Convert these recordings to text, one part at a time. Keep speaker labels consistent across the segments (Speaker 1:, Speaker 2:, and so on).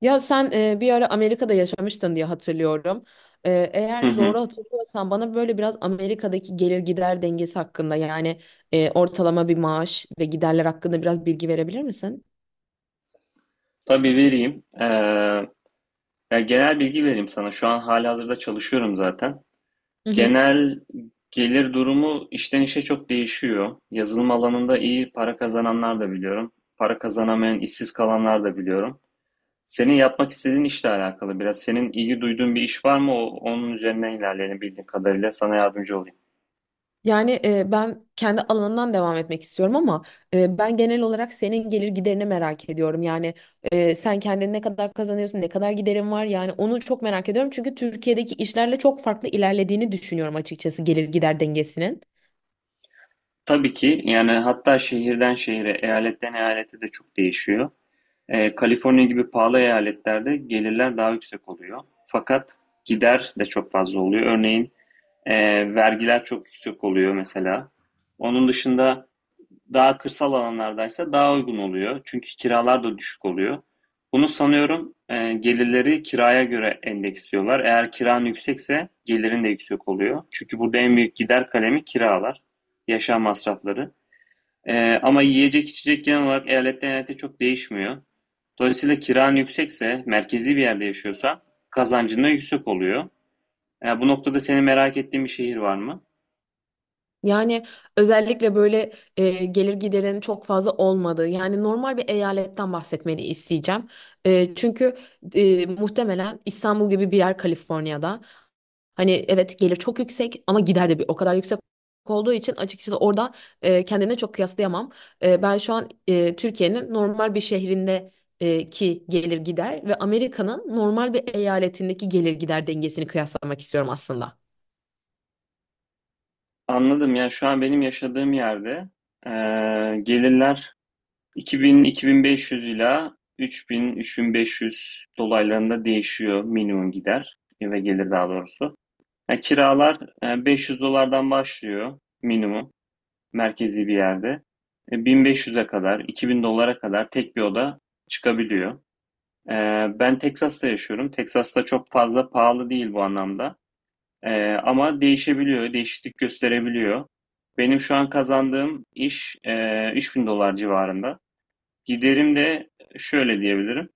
Speaker 1: Ya sen bir ara Amerika'da yaşamıştın diye hatırlıyorum.
Speaker 2: Hı
Speaker 1: Eğer
Speaker 2: hı.
Speaker 1: doğru hatırlıyorsan bana böyle biraz Amerika'daki gelir gider dengesi hakkında yani ortalama bir maaş ve giderler hakkında biraz bilgi verebilir misin?
Speaker 2: Tabii vereyim. Ya genel bilgi vereyim sana. Şu an halihazırda çalışıyorum zaten.
Speaker 1: Hı hı.
Speaker 2: Genel gelir durumu işten işe çok değişiyor. Yazılım alanında iyi para kazananlar da biliyorum. Para kazanamayan, işsiz kalanlar da biliyorum. Senin yapmak istediğin işle alakalı biraz. Senin ilgi duyduğun bir iş var mı? Onun üzerine ilerleyelim bildiğim kadarıyla. Sana yardımcı olayım.
Speaker 1: Yani ben kendi alanından devam etmek istiyorum ama ben genel olarak senin gelir giderini merak ediyorum. Yani sen kendin ne kadar kazanıyorsun, ne kadar giderin var yani onu çok merak ediyorum. Çünkü Türkiye'deki işlerle çok farklı ilerlediğini düşünüyorum açıkçası gelir gider dengesinin.
Speaker 2: Tabii ki yani hatta şehirden şehire, eyaletten eyalete de çok değişiyor. Kaliforniya gibi pahalı eyaletlerde gelirler daha yüksek oluyor. Fakat gider de çok fazla oluyor. Örneğin vergiler çok yüksek oluyor mesela. Onun dışında daha kırsal alanlardaysa daha uygun oluyor. Çünkü kiralar da düşük oluyor. Bunu sanıyorum gelirleri kiraya göre endeksliyorlar. Eğer kiran yüksekse gelirin de yüksek oluyor. Çünkü burada en büyük gider kalemi kiralar, yaşam masrafları. Ama yiyecek içecek genel olarak eyaletten eyalete çok değişmiyor. Dolayısıyla kiran yüksekse, merkezi bir yerde yaşıyorsa kazancın da yüksek oluyor. Ya bu noktada senin merak ettiğin bir şehir var mı?
Speaker 1: Yani özellikle böyle gelir giderin çok fazla olmadığı yani normal bir eyaletten bahsetmeni isteyeceğim. Çünkü muhtemelen İstanbul gibi bir yer Kaliforniya'da. Hani evet gelir çok yüksek ama gider de bir o kadar yüksek olduğu için açıkçası orada kendine çok kıyaslayamam. Ben şu an Türkiye'nin normal bir şehrinde ki gelir gider ve Amerika'nın normal bir eyaletindeki gelir gider dengesini kıyaslamak istiyorum aslında.
Speaker 2: Anladım. Yani şu an benim yaşadığım yerde gelirler 2000-2500 ila 3000-3500 dolaylarında değişiyor minimum gider ve gelir daha doğrusu. Yani kiralar 500 dolardan başlıyor minimum merkezi bir yerde. 1500'e kadar, 2000 dolara kadar tek bir oda çıkabiliyor. Ee, ben Teksas'ta yaşıyorum. Texas'ta çok fazla pahalı değil bu anlamda. Ama değişebiliyor, değişiklik gösterebiliyor. Benim şu an kazandığım iş 3000 dolar civarında. Giderim de şöyle diyebilirim.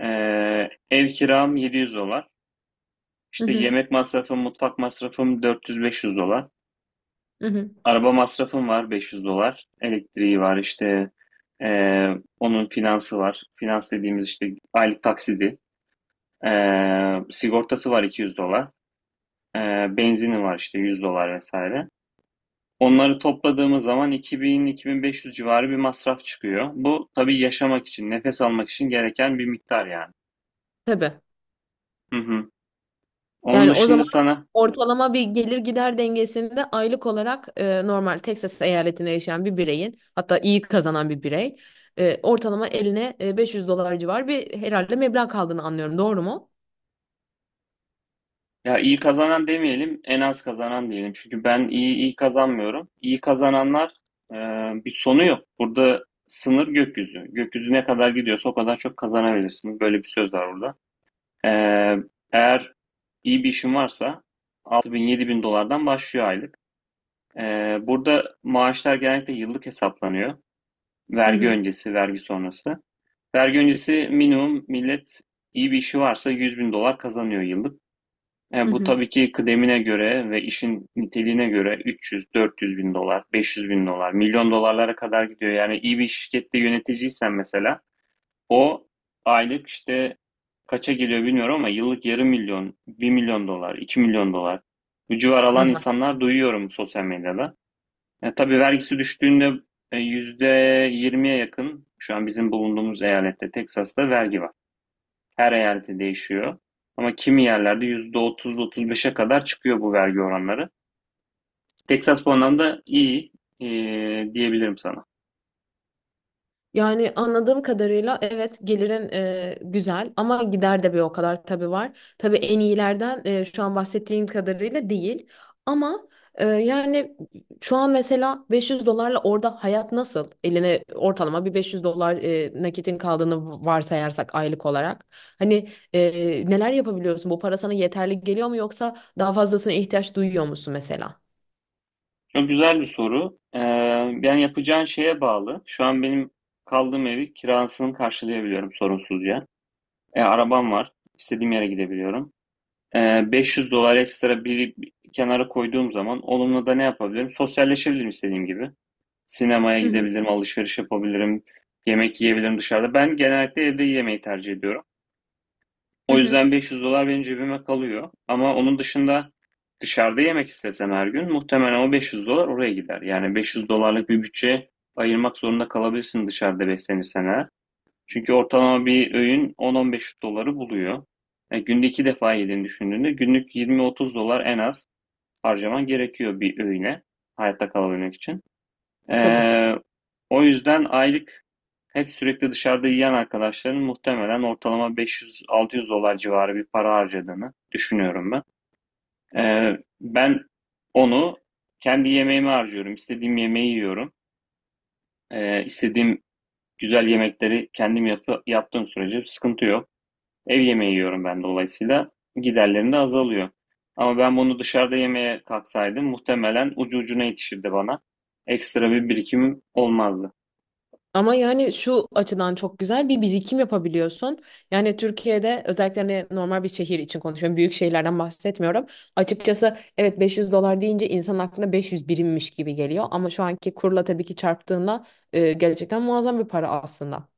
Speaker 2: Ev kiram 700 dolar.
Speaker 1: Hı
Speaker 2: İşte
Speaker 1: hı,
Speaker 2: yemek masrafım, mutfak masrafım 400-500 dolar.
Speaker 1: hı hı.
Speaker 2: Araba masrafım var 500 dolar. Elektriği var işte e, onun finansı var. Finans dediğimiz işte aylık taksidi. Sigortası var 200 dolar. Benzini var işte 100 dolar vesaire. Onları topladığımız zaman 2000-2500 civarı bir masraf çıkıyor. Bu tabii yaşamak için, nefes almak için gereken bir miktar yani.
Speaker 1: Tabii.
Speaker 2: Hı hı. Onun
Speaker 1: Yani o
Speaker 2: dışında
Speaker 1: zaman
Speaker 2: sana
Speaker 1: ortalama bir gelir gider dengesinde aylık olarak normal Texas eyaletinde yaşayan bir bireyin hatta iyi kazanan bir birey ortalama eline 500 dolar civar bir herhalde meblağ kaldığını anlıyorum. Doğru mu?
Speaker 2: ya iyi kazanan demeyelim, en az kazanan diyelim. Çünkü ben iyi iyi kazanmıyorum. İyi kazananlar e, bir sonu yok. Burada sınır gökyüzü. Gökyüzü ne kadar gidiyorsa o kadar çok kazanabilirsiniz. Böyle bir söz var burada. Ee, eğer iyi bir işin varsa 6000 bin dolardan başlıyor aylık. Burada maaşlar genellikle yıllık hesaplanıyor.
Speaker 1: Hı
Speaker 2: Vergi
Speaker 1: hı.
Speaker 2: öncesi, vergi sonrası. Vergi öncesi minimum millet iyi bir işi varsa 100 bin dolar kazanıyor yıllık.
Speaker 1: Hı
Speaker 2: Bu
Speaker 1: hı.
Speaker 2: tabii ki kıdemine göre ve işin niteliğine göre 300-400 bin dolar, 500 bin dolar, milyon dolarlara kadar gidiyor. Yani iyi bir şirkette yöneticiysen mesela o aylık işte kaça geliyor bilmiyorum ama yıllık yarım milyon, 1 milyon dolar, 2 milyon dolar bu civar
Speaker 1: Hı.
Speaker 2: alan insanlar duyuyorum sosyal medyada. Tabii vergisi düştüğünde %20'ye yakın şu an bizim bulunduğumuz eyalette Teksas'ta vergi var. Her eyalette değişiyor. Ama kimi yerlerde %30, otuz beşe kadar çıkıyor bu vergi oranları. Texas bu anlamda iyi e, diyebilirim sana.
Speaker 1: Yani anladığım kadarıyla evet gelirin güzel ama gider de bir o kadar tabii var. Tabii en iyilerden şu an bahsettiğin kadarıyla değil. Ama yani şu an mesela 500 dolarla orada hayat nasıl? Eline ortalama bir 500 dolar nakitin kaldığını varsayarsak aylık olarak. Hani neler yapabiliyorsun? Bu para sana yeterli geliyor mu yoksa daha fazlasına ihtiyaç duyuyor musun mesela?
Speaker 2: Çok güzel bir soru. Yani yapacağın şeye bağlı. Şu an benim kaldığım evi kirasını karşılayabiliyorum sorunsuzca. Arabam var. İstediğim yere gidebiliyorum. 500 dolar ekstra bir kenara koyduğum zaman onunla da ne yapabilirim? Sosyalleşebilirim istediğim gibi. Sinemaya
Speaker 1: Hı hı,
Speaker 2: gidebilirim, alışveriş yapabilirim, yemek yiyebilirim dışarıda. Ben genellikle evde yemeği tercih ediyorum.
Speaker 1: hı
Speaker 2: O
Speaker 1: hı.
Speaker 2: yüzden 500 dolar benim cebime kalıyor. Ama onun dışında dışarıda yemek istesem her gün muhtemelen o 500 dolar oraya gider. Yani 500 dolarlık bir bütçe ayırmak zorunda kalabilirsin dışarıda beslenirsen eğer. Çünkü ortalama bir öğün 10-15 doları buluyor. Günde iki defa yediğini düşündüğünde günlük 20-30 dolar en az harcaman gerekiyor bir öğüne hayatta kalabilmek için.
Speaker 1: Tabii.
Speaker 2: Eee, o yüzden aylık hep sürekli dışarıda yiyen arkadaşların muhtemelen ortalama 500-600 dolar civarı bir para harcadığını düşünüyorum ben. Ben onu kendi yemeğime harcıyorum. İstediğim yemeği yiyorum. İstediğim güzel yemekleri kendim yaptığım sürece sıkıntı yok. Ev yemeği yiyorum ben dolayısıyla giderlerim de azalıyor. Ama ben bunu dışarıda yemeye kalksaydım muhtemelen ucu ucuna yetişirdi bana. Ekstra bir birikimim olmazdı.
Speaker 1: Ama yani şu açıdan çok güzel bir birikim yapabiliyorsun. Yani Türkiye'de özellikle hani normal bir şehir için konuşuyorum. Büyük şehirlerden bahsetmiyorum. Açıkçası evet 500 dolar deyince insan aklına 500 birimmiş gibi geliyor. Ama şu anki kurla tabii ki çarptığında gerçekten muazzam bir para aslında.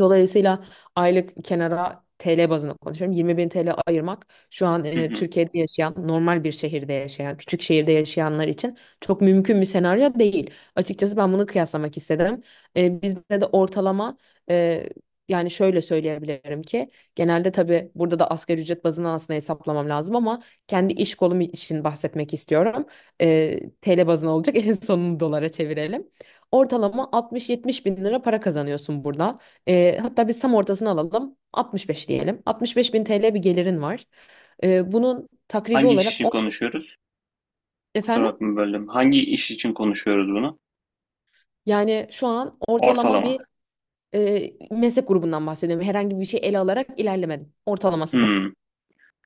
Speaker 1: Dolayısıyla aylık kenara TL bazında konuşuyorum. 20 bin TL ayırmak şu an
Speaker 2: Hı hı.
Speaker 1: Türkiye'de yaşayan, normal bir şehirde yaşayan, küçük şehirde yaşayanlar için çok mümkün bir senaryo değil. Açıkçası ben bunu kıyaslamak istedim. Bizde de ortalama e, yani şöyle söyleyebilirim ki genelde tabii burada da asgari ücret bazından aslında hesaplamam lazım ama kendi iş kolum için bahsetmek istiyorum. TL bazına olacak en sonunu dolara çevirelim. Ortalama 60-70 bin lira para kazanıyorsun burada. Hatta biz tam ortasını alalım. 65 diyelim. 65 bin TL bir gelirin var. Bunun takribi
Speaker 2: Hangi iş
Speaker 1: olarak
Speaker 2: için
Speaker 1: on-
Speaker 2: konuşuyoruz? Kusura
Speaker 1: efendim,
Speaker 2: bakma böldüm. Hangi iş için konuşuyoruz bunu?
Speaker 1: yani şu an ortalama
Speaker 2: Ortalama.
Speaker 1: bir meslek grubundan bahsediyorum. Herhangi bir şey ele alarak ilerlemedim. Ortalaması bu.
Speaker 2: Hmm.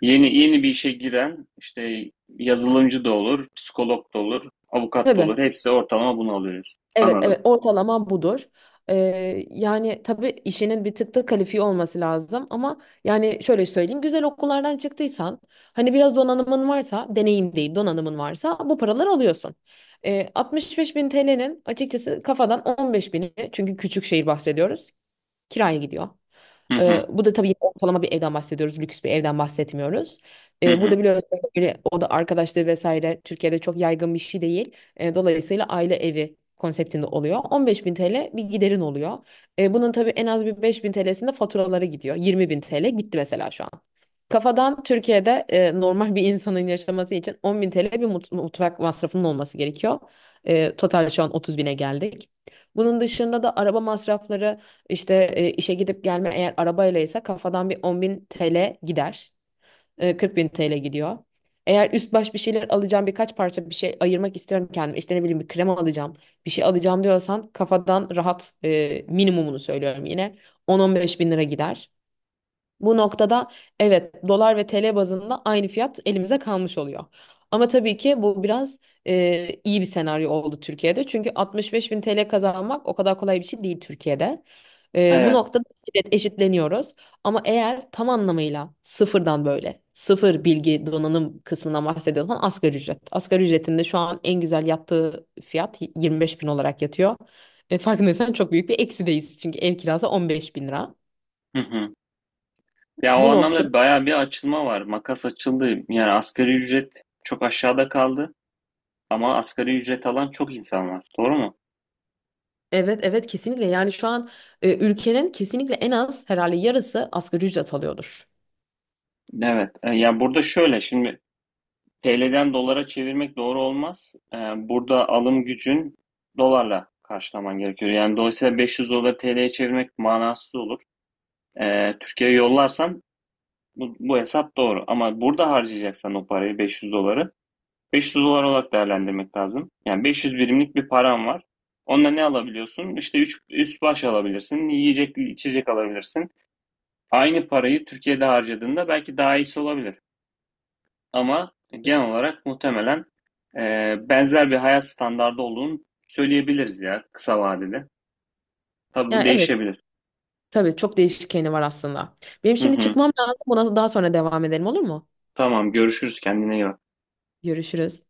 Speaker 2: Yeni yeni bir işe giren işte yazılımcı da olur, psikolog da olur, avukat da
Speaker 1: Tabii.
Speaker 2: olur. Hepsi ortalama bunu alıyoruz.
Speaker 1: Evet,
Speaker 2: Anladım.
Speaker 1: evet ortalama budur. Yani tabii işinin bir tık da kalifiye olması lazım ama yani şöyle söyleyeyim güzel okullardan çıktıysan hani biraz donanımın varsa, deneyim değil donanımın varsa bu paraları alıyorsun. 65 bin TL'nin açıkçası kafadan 15 bini, çünkü küçük şehir bahsediyoruz, kiraya gidiyor.
Speaker 2: Hı hı.
Speaker 1: Bu da tabii ortalama bir evden bahsediyoruz. Lüks bir evden bahsetmiyoruz.
Speaker 2: Hı
Speaker 1: Burada
Speaker 2: hı.
Speaker 1: biliyorsunuz böyle oda arkadaşları vesaire Türkiye'de çok yaygın bir şey değil. Dolayısıyla aile evi konseptinde oluyor. 15 bin TL bir giderin oluyor. Bunun tabii en az bir 5 bin TL'sinde faturalara gidiyor. 20 bin TL gitti mesela şu an. Kafadan Türkiye'de normal bir insanın yaşaması için 10 bin TL bir mutfak masrafının olması gerekiyor. Total şu an 30 bine geldik. Bunun dışında da araba masrafları işte işe gidip gelme eğer arabayla ise kafadan bir 10 bin TL gider. 40 bin TL gidiyor. Eğer üst baş bir şeyler alacağım, birkaç parça bir şey ayırmak istiyorum kendime. İşte ne bileyim bir krem alacağım, bir şey alacağım diyorsan kafadan rahat, minimumunu söylüyorum yine, 10-15 bin lira gider. Bu noktada evet dolar ve TL bazında aynı fiyat elimize kalmış oluyor. Ama tabii ki bu biraz iyi bir senaryo oldu Türkiye'de. Çünkü 65 bin TL kazanmak o kadar kolay bir şey değil Türkiye'de. Bu
Speaker 2: Evet.
Speaker 1: noktada evet eşitleniyoruz. Ama eğer tam anlamıyla sıfırdan böyle sıfır bilgi donanım kısmından bahsediyorsan asgari ücret. Asgari ücretinde şu an en güzel yattığı fiyat 25 bin olarak yatıyor. Farkındaysan çok büyük bir eksideyiz. Çünkü ev kirası 15 bin lira.
Speaker 2: Hı hı. Ya o
Speaker 1: Bu nokta.
Speaker 2: anlamda bayağı bir açılma var. Makas açıldı. Yani asgari ücret çok aşağıda kaldı. Ama asgari ücret alan çok insan var. Doğru mu?
Speaker 1: Evet evet kesinlikle, yani şu an ülkenin kesinlikle en az herhalde yarısı asgari ücret alıyordur.
Speaker 2: Evet. Ya burada şöyle şimdi TL'den dolara çevirmek doğru olmaz. Burada alım gücün dolarla karşılaman gerekiyor. Yani dolayısıyla 500 dolar TL'ye çevirmek manasız olur. Türkiye'ye yollarsan bu hesap doğru. Ama burada harcayacaksan o parayı 500 doları 500 dolar olarak değerlendirmek lazım. Yani 500 birimlik bir param var. Onunla ne alabiliyorsun? İşte üst baş alabilirsin, yiyecek, içecek alabilirsin. Aynı parayı Türkiye'de harcadığında belki daha iyisi olabilir. Ama genel olarak muhtemelen e, benzer bir hayat standardı olduğunu söyleyebiliriz ya kısa vadede. Tabii bu
Speaker 1: Yani evet,
Speaker 2: değişebilir.
Speaker 1: tabii çok değişkeni var aslında. Benim
Speaker 2: Hı
Speaker 1: şimdi
Speaker 2: hı.
Speaker 1: çıkmam lazım, buna daha sonra devam edelim olur mu?
Speaker 2: Tamam görüşürüz kendine iyi bak.
Speaker 1: Görüşürüz.